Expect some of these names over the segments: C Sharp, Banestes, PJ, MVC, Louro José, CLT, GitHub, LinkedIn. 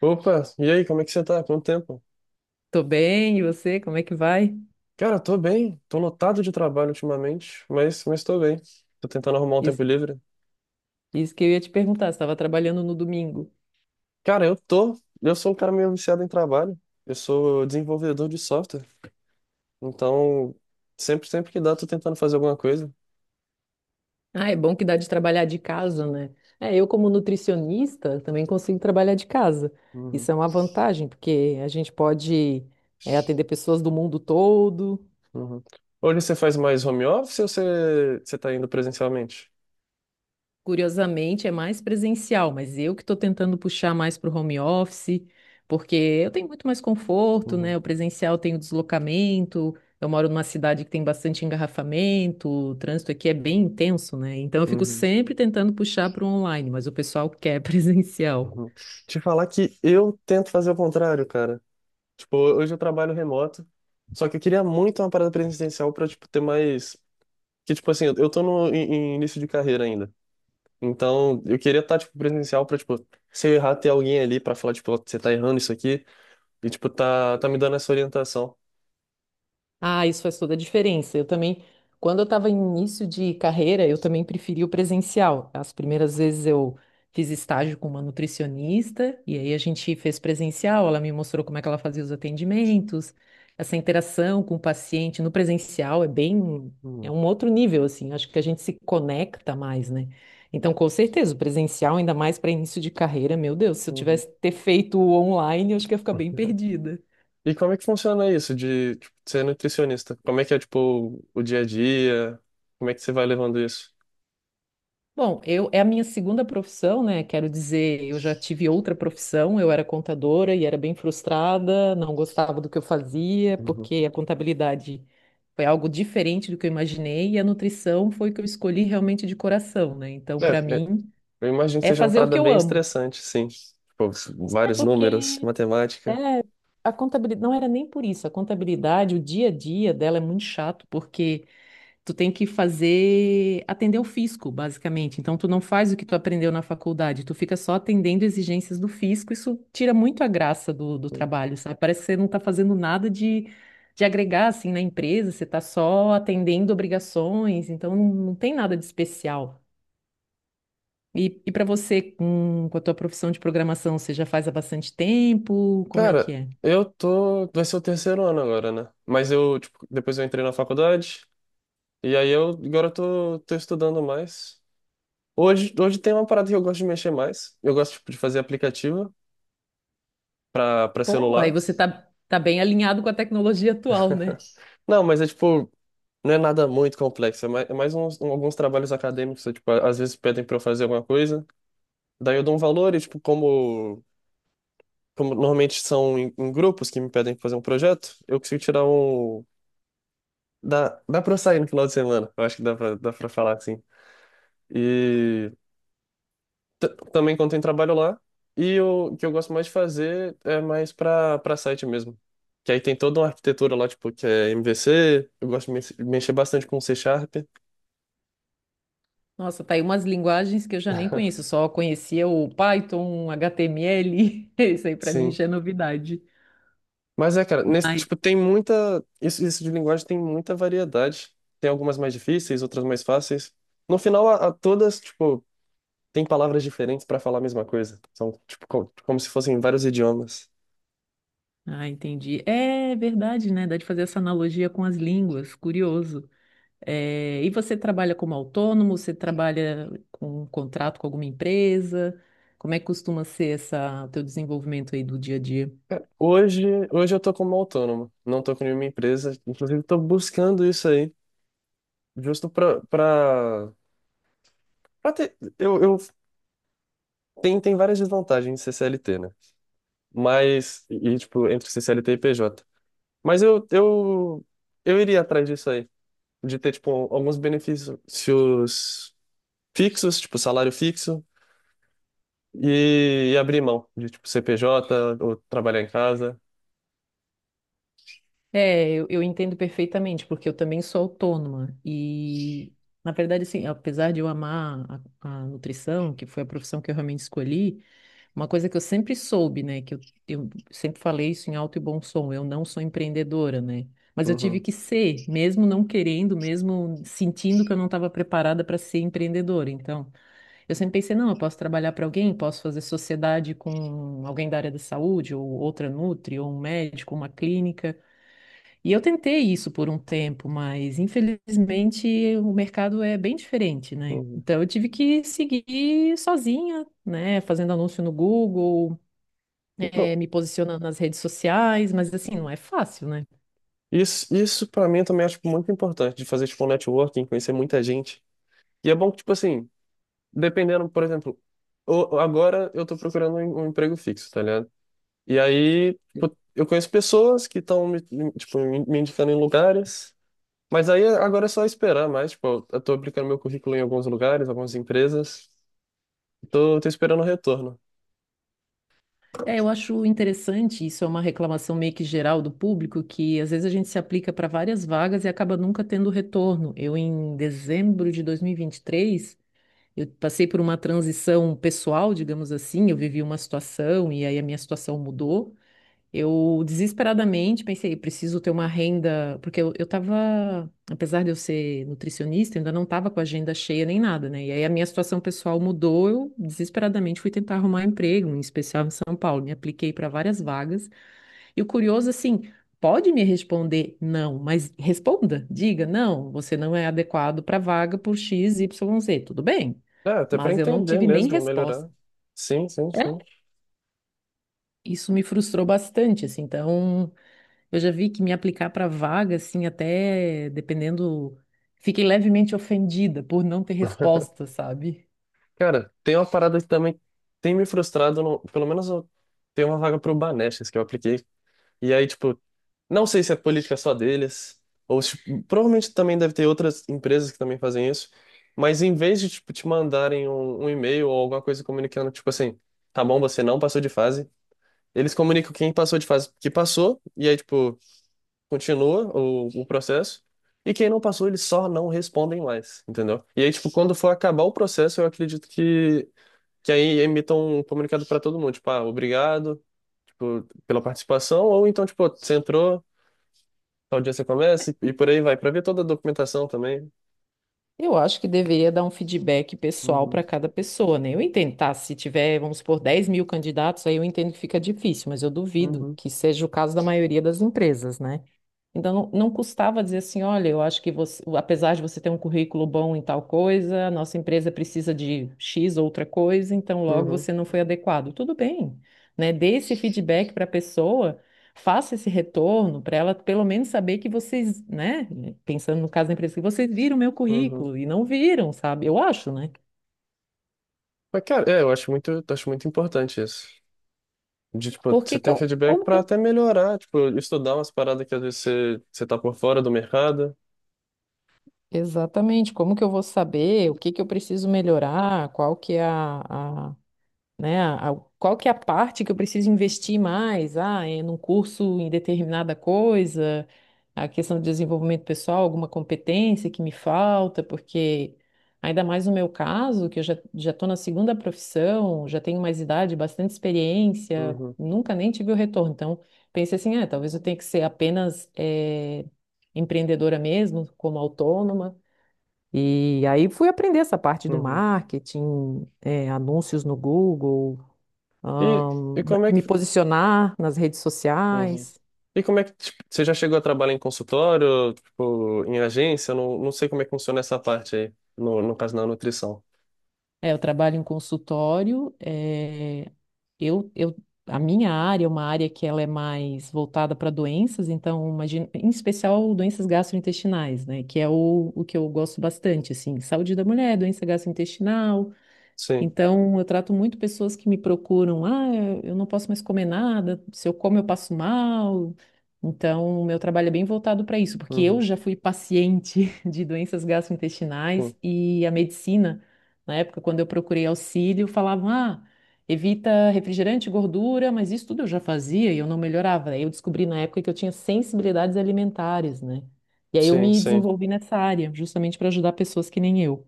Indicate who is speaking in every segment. Speaker 1: Opa, e aí, como é que você tá? Quanto tempo?
Speaker 2: Tô bem, e você? Como é que vai?
Speaker 1: Cara, tô bem, tô lotado de trabalho ultimamente, mas tô bem. Tô tentando arrumar um tempo
Speaker 2: Isso,
Speaker 1: livre.
Speaker 2: isso que eu ia te perguntar, você estava trabalhando no domingo.
Speaker 1: Cara, eu tô, eu sou um cara meio viciado em trabalho. Eu sou desenvolvedor de software, então sempre que dá, tô tentando fazer alguma coisa.
Speaker 2: Ah, é bom que dá de trabalhar de casa, né? É, eu como nutricionista também consigo trabalhar de casa.
Speaker 1: Uhum,
Speaker 2: Isso é uma vantagem, porque a gente pode, atender pessoas do mundo todo.
Speaker 1: uhum. Hoje você faz mais home office ou você tá indo presencialmente?
Speaker 2: Curiosamente, é mais presencial, mas eu que estou tentando puxar mais para o home office, porque eu tenho muito mais conforto,
Speaker 1: Uhum,
Speaker 2: né? O presencial tem o deslocamento, eu moro numa cidade que tem bastante engarrafamento, o trânsito aqui é bem intenso, né? Então eu fico
Speaker 1: uhum,
Speaker 2: sempre tentando puxar para o online, mas o pessoal quer presencial.
Speaker 1: uhum. Te falar que eu tento fazer o contrário, cara. Tipo, hoje eu trabalho remoto, só que eu queria muito uma parada presencial pra, tipo, ter mais. Que, tipo assim, eu tô no em início de carreira ainda. Então, eu queria estar, tipo, presencial pra, tipo, se eu errar, ter alguém ali pra falar, tipo, "Ó, você tá errando isso aqui." E, tipo, tá me dando essa orientação.
Speaker 2: Ah, isso faz toda a diferença. Eu também, quando eu estava em início de carreira, eu também preferi o presencial. As primeiras vezes eu fiz estágio com uma nutricionista, e aí a gente fez presencial, ela me mostrou como é que ela fazia os atendimentos, essa interação com o paciente no presencial é bem, é
Speaker 1: Hum,
Speaker 2: um outro nível, assim, acho que a gente se conecta mais, né? Então, com certeza, o presencial, ainda mais para início de carreira, meu Deus, se eu
Speaker 1: uhum.
Speaker 2: tivesse ter feito o online, eu acho que ia ficar bem perdida.
Speaker 1: E como é que funciona isso de, tipo, ser nutricionista? Como é que é, tipo, o dia a dia? Como é que você vai levando isso?
Speaker 2: Bom, eu é a minha segunda profissão, né? Quero dizer, eu já tive outra profissão, eu era contadora e era bem frustrada, não gostava do que eu fazia,
Speaker 1: Uhum.
Speaker 2: porque a contabilidade foi algo diferente do que eu imaginei e a nutrição foi o que eu escolhi realmente de coração, né? Então, para
Speaker 1: É, é,
Speaker 2: mim,
Speaker 1: eu imagino que
Speaker 2: é
Speaker 1: seja uma
Speaker 2: fazer o
Speaker 1: parada
Speaker 2: que eu
Speaker 1: bem
Speaker 2: amo.
Speaker 1: estressante, sim. Tipo,
Speaker 2: É
Speaker 1: vários
Speaker 2: porque
Speaker 1: números, matemática.
Speaker 2: é, a contabilidade não era nem por isso, a contabilidade, o dia a dia dela é muito chato, porque tu tem que fazer, atender o fisco, basicamente. Então, tu não faz o que tu aprendeu na faculdade, tu fica só atendendo exigências do fisco. Isso tira muito a graça do trabalho, sabe? Parece que você não tá fazendo nada de agregar, assim, na empresa, você tá só atendendo obrigações, então não, não tem nada de especial. E para você, com a tua profissão de programação, você já faz há bastante tempo? Como é que
Speaker 1: Cara,
Speaker 2: é?
Speaker 1: eu tô. Vai ser o terceiro ano agora, né? Mas eu, tipo, depois eu entrei na faculdade, e aí eu agora eu tô, tô estudando mais. Hoje tem uma parada que eu gosto de mexer mais. Eu gosto, tipo, de fazer aplicativo pra, pra
Speaker 2: Pô, aí
Speaker 1: celular.
Speaker 2: você tá bem alinhado com a tecnologia atual, né?
Speaker 1: Não, mas é tipo, não é nada muito complexo. É mais uns, alguns trabalhos acadêmicos, é, tipo, às vezes pedem pra eu fazer alguma coisa. Daí eu dou um valor e, tipo, como, como normalmente são em grupos que me pedem pra fazer um projeto, eu consigo tirar um. Dá pra eu sair no final de semana. Eu acho que dá pra falar assim. E também quando tem trabalho lá. E o que eu gosto mais de fazer é mais pra, pra site mesmo. Que aí tem toda uma arquitetura lá, tipo, que é MVC. Eu gosto de mexer bastante com C Sharp.
Speaker 2: Nossa, tá aí umas linguagens que eu já nem conheço, só conhecia o Python, HTML, isso aí pra mim
Speaker 1: Sim.
Speaker 2: já é novidade.
Speaker 1: Mas é, cara, nesse,
Speaker 2: Mas,
Speaker 1: tipo, tem muita. Isso de linguagem tem muita variedade. Tem algumas mais difíceis, outras mais fáceis. No final, a todas, tipo, tem palavras diferentes pra falar a mesma coisa. São, tipo, como se fossem vários idiomas.
Speaker 2: ah, entendi. É verdade, né? Dá de fazer essa analogia com as línguas, curioso. É, e você trabalha como autônomo? Você trabalha com um contrato com alguma empresa? Como é que costuma ser essa teu desenvolvimento aí do dia a dia?
Speaker 1: Hoje, hoje eu tô como autônomo, não tô com nenhuma empresa, inclusive tô buscando isso aí, justo pra, pra, pra ter, eu, tem, tem várias desvantagens em ser CLT, né? Mas, e, tipo, entre ser CLT e PJ. Mas eu iria atrás disso aí, de ter, tipo, alguns benefícios fixos, tipo, salário fixo, e abrir mão de, tipo, ser PJ ou trabalhar em casa.
Speaker 2: É, eu entendo perfeitamente, porque eu também sou autônoma e, na verdade, assim, apesar de eu amar a nutrição, que foi a profissão que eu realmente escolhi, uma coisa que eu sempre soube, né, que eu sempre falei isso em alto e bom som, eu não sou empreendedora, né, mas eu tive
Speaker 1: Uhum,
Speaker 2: que ser, mesmo não querendo, mesmo sentindo que eu não estava preparada para ser empreendedora, então, eu sempre pensei, não, eu posso trabalhar para alguém, posso fazer sociedade com alguém da área da saúde, ou outra nutri, ou um médico, uma clínica, e eu tentei isso por um tempo, mas infelizmente o mercado é bem diferente, né?
Speaker 1: uhum.
Speaker 2: Então eu tive que seguir sozinha, né? Fazendo anúncio no Google,
Speaker 1: Então,
Speaker 2: me posicionando nas redes sociais, mas assim, não é fácil, né?
Speaker 1: isso para mim eu também acho tipo, muito importante de fazer tipo um networking, conhecer muita gente. E é bom que, tipo assim, dependendo, por exemplo, agora eu tô procurando um, um emprego fixo, tá ligado? E aí, tipo, eu conheço pessoas que estão me, tipo, me indicando em lugares, mas aí agora é só esperar mais, tipo, eu tô aplicando meu currículo em alguns lugares, algumas empresas, tô esperando o retorno.
Speaker 2: É, eu acho interessante, isso é uma reclamação meio que geral do público, que às vezes a gente se aplica para várias vagas e acaba nunca tendo retorno. Eu, em dezembro de 2023, eu passei por uma transição pessoal, digamos assim, eu vivi uma situação e aí a minha situação mudou. Eu desesperadamente pensei, preciso ter uma renda, porque eu tava, apesar de eu ser nutricionista, eu ainda não tava com a agenda cheia nem nada, né? E aí a minha situação pessoal mudou, eu desesperadamente fui tentar arrumar emprego, em especial em São Paulo. Me apliquei para várias vagas. E o curioso, assim, pode me responder não, mas responda, diga não, você não é adequado para vaga por X, Y, Z, tudo bem?
Speaker 1: É, até para
Speaker 2: Mas eu não
Speaker 1: entender
Speaker 2: tive nem
Speaker 1: mesmo,
Speaker 2: resposta.
Speaker 1: melhorar. Sim, sim,
Speaker 2: É,
Speaker 1: sim.
Speaker 2: isso me frustrou bastante, assim, então. Eu já vi que me aplicar para vaga, assim, até dependendo, fiquei levemente ofendida por não ter resposta, sabe?
Speaker 1: Cara, tem uma parada que também tem me frustrado. Pelo menos eu tenho uma vaga pro Banestes que eu apliquei. E aí, tipo, não sei se é política só deles, ou tipo, provavelmente também deve ter outras empresas que também fazem isso. Mas em vez de, tipo, te mandarem um, um e-mail ou alguma coisa comunicando, tipo assim, tá bom, você não passou de fase, eles comunicam quem passou de fase que passou, e aí, tipo, continua o processo. E quem não passou, eles só não respondem mais, entendeu? E aí, tipo, quando for acabar o processo, eu acredito que aí emitam um comunicado para todo mundo, tipo, ah, obrigado, tipo, pela participação, ou então, tipo, você entrou, tal dia você começa, e por aí vai, para ver toda a documentação também.
Speaker 2: Eu acho que deveria dar um feedback pessoal
Speaker 1: Uhum,
Speaker 2: para cada pessoa, né? Eu entendo, tá? Se tiver, vamos supor, 10 mil candidatos, aí eu entendo que fica difícil, mas eu duvido
Speaker 1: uhum,
Speaker 2: que seja o caso da maioria das empresas, né? Então, não, não custava dizer assim: olha, eu acho que você, apesar de você ter um currículo bom em tal coisa, a nossa empresa precisa de X outra coisa, então logo
Speaker 1: uhum,
Speaker 2: você não foi adequado. Tudo bem, né? Dê esse feedback para a pessoa, faça esse retorno para ela pelo menos saber que vocês, né, pensando no caso da empresa, que vocês viram o meu
Speaker 1: uhum.
Speaker 2: currículo e não viram, sabe? Eu acho, né?
Speaker 1: Mas, cara, é, eu acho muito importante isso. De, tipo,
Speaker 2: Porque
Speaker 1: você ter um feedback
Speaker 2: como que
Speaker 1: para
Speaker 2: eu...
Speaker 1: até melhorar, tipo, estudar umas paradas que às vezes você tá por fora do mercado.
Speaker 2: Exatamente, como que eu vou saber o que que eu preciso melhorar, qual que é a, né? Qual que é a parte que eu preciso investir mais? Ah, é num curso em determinada coisa, a questão de desenvolvimento pessoal, alguma competência que me falta, porque ainda mais no meu caso, que eu já estou na segunda profissão, já tenho mais idade, bastante experiência,
Speaker 1: Uhum,
Speaker 2: nunca nem tive o retorno. Então, pensei assim, ah, talvez eu tenha que ser apenas empreendedora mesmo, como autônoma. E aí fui aprender essa parte do
Speaker 1: uhum.
Speaker 2: marketing, anúncios no Google,
Speaker 1: E, e como é que
Speaker 2: me posicionar nas redes
Speaker 1: Uhum.
Speaker 2: sociais.
Speaker 1: E como é que, tipo, você já chegou a trabalhar em consultório, tipo, em agência? Não, não sei como é que funciona essa parte aí, no, no caso da nutrição.
Speaker 2: É, eu trabalho em consultório, eu, eu, a minha área é uma área que ela é mais voltada para doenças, então, imagina, em especial doenças gastrointestinais, né, que é o que eu gosto bastante, assim, saúde da mulher, doença gastrointestinal.
Speaker 1: Sim,
Speaker 2: Então, eu trato muito pessoas que me procuram, ah, eu não posso mais comer nada, se eu como eu passo mal. Então, o meu trabalho é bem voltado para isso, porque eu
Speaker 1: uhum,
Speaker 2: já fui paciente de doenças gastrointestinais
Speaker 1: sim,
Speaker 2: e a medicina, na época, quando eu procurei auxílio, falavam, ah, evita refrigerante, gordura, mas isso tudo eu já fazia e eu não melhorava. Aí eu descobri na época que eu tinha sensibilidades alimentares, né? E aí eu
Speaker 1: sim,
Speaker 2: me
Speaker 1: sim.
Speaker 2: desenvolvi nessa área, justamente para ajudar pessoas que nem eu.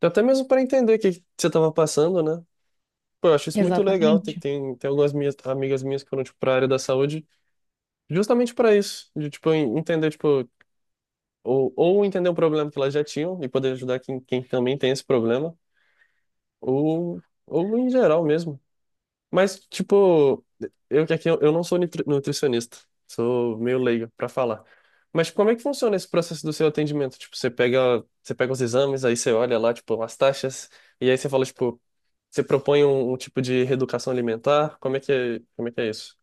Speaker 1: Até mesmo para entender o que que você estava passando, né? Pô, eu acho isso muito legal. Tem,
Speaker 2: Exatamente.
Speaker 1: tem, tem algumas minhas, amigas minhas que foram, tipo, para a área da saúde, justamente para isso, de, tipo, entender, tipo, ou entender o problema que elas já tinham e poder ajudar quem, quem também tem esse problema, ou, ou em geral mesmo. Mas, tipo, eu que aqui eu não sou nutricionista, sou meio leigo pra falar. Mas tipo, como é que funciona esse processo do seu atendimento? Tipo, você pega os exames, aí você olha lá, tipo, as taxas, e aí você fala, tipo, você propõe um, um tipo de reeducação alimentar? Como é que é, como é que é isso?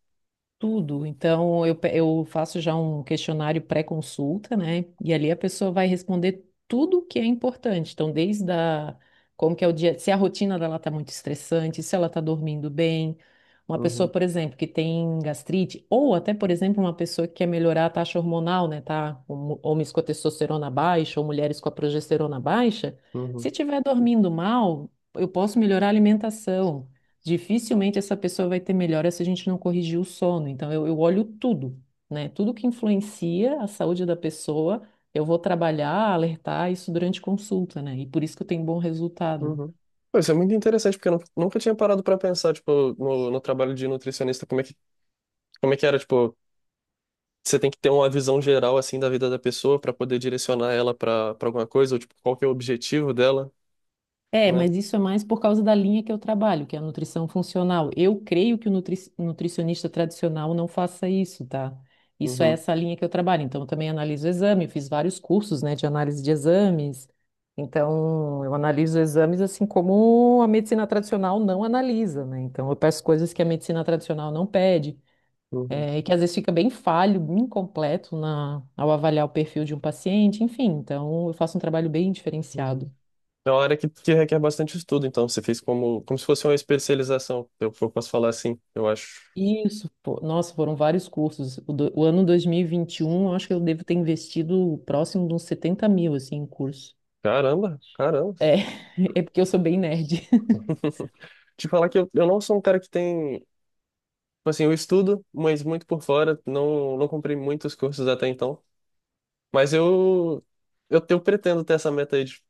Speaker 2: Tudo. Então, eu, eu faço já um questionário pré-consulta, né? E ali a pessoa vai responder tudo o que é importante. Então, desde a, como que é o dia, se a rotina dela está muito estressante, se ela está dormindo bem. Uma pessoa,
Speaker 1: Uhum,
Speaker 2: por exemplo, que tem gastrite, ou até, por exemplo, uma pessoa que quer melhorar a taxa hormonal, né? Tá? Homens com a testosterona baixa ou mulheres com a progesterona baixa.
Speaker 1: uhum,
Speaker 2: Se estiver dormindo mal, eu posso melhorar a alimentação, dificilmente essa pessoa vai ter melhora se a gente não corrigir o sono. Então, eu olho tudo, né? Tudo que influencia a saúde da pessoa, eu vou trabalhar, alertar isso durante consulta, né? E por isso que eu tenho bom resultado.
Speaker 1: uhum. Pô, isso é muito interessante, porque eu nunca tinha parado pra pensar, tipo, no, no trabalho de nutricionista, como é que era, tipo, você tem que ter uma visão geral assim da vida da pessoa para poder direcionar ela para para alguma coisa, ou tipo, qual que é o objetivo dela,
Speaker 2: É,
Speaker 1: né?
Speaker 2: mas isso é mais por causa da linha que eu trabalho, que é a nutrição funcional. Eu creio que o nutricionista tradicional não faça isso, tá? Isso é
Speaker 1: Uhum,
Speaker 2: essa linha que eu trabalho. Então, eu também analiso o exame, eu fiz vários cursos, né, de análise de exames. Então, eu analiso exames assim como a medicina tradicional não analisa, né? Então, eu peço coisas que a medicina tradicional não pede,
Speaker 1: uhum,
Speaker 2: e que às vezes fica bem falho, incompleto na, ao avaliar o perfil de um paciente, enfim. Então, eu faço um trabalho bem
Speaker 1: uhum.
Speaker 2: diferenciado.
Speaker 1: É uma área que requer bastante estudo, então você fez como como se fosse uma especialização, eu posso falar assim, eu acho.
Speaker 2: Isso, pô. Nossa, foram vários cursos. O ano 2021, eu acho que eu devo ter investido próximo de uns 70 mil, assim, em curso.
Speaker 1: Caramba, caramba.
Speaker 2: É, é porque eu sou bem nerd.
Speaker 1: Te falar que eu não sou um cara que tem, tipo assim, eu estudo, mas muito por fora, não não comprei muitos cursos até então, mas eu pretendo ter essa meta aí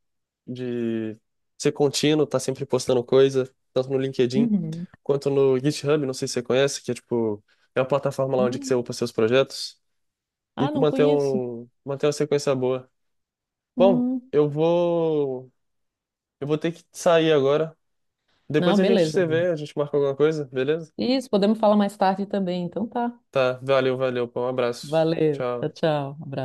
Speaker 1: de ser contínuo, tá sempre postando coisa, tanto no LinkedIn
Speaker 2: Uhum.
Speaker 1: quanto no GitHub, não sei se você conhece, que é tipo, é uma plataforma lá onde que
Speaker 2: Não.
Speaker 1: você upa seus projetos e
Speaker 2: Ah, não
Speaker 1: manter
Speaker 2: conheço.
Speaker 1: um, manter uma sequência boa. Bom,
Speaker 2: Hum.
Speaker 1: eu vou ter que sair agora.
Speaker 2: Não,
Speaker 1: Depois a gente
Speaker 2: beleza.
Speaker 1: se vê, a gente marca alguma coisa, beleza?
Speaker 2: Isso, podemos falar mais tarde também. Então tá.
Speaker 1: Tá, valeu, valeu, pô, um abraço.
Speaker 2: Valeu. Tchau,
Speaker 1: Tchau.
Speaker 2: tchau. Abraço.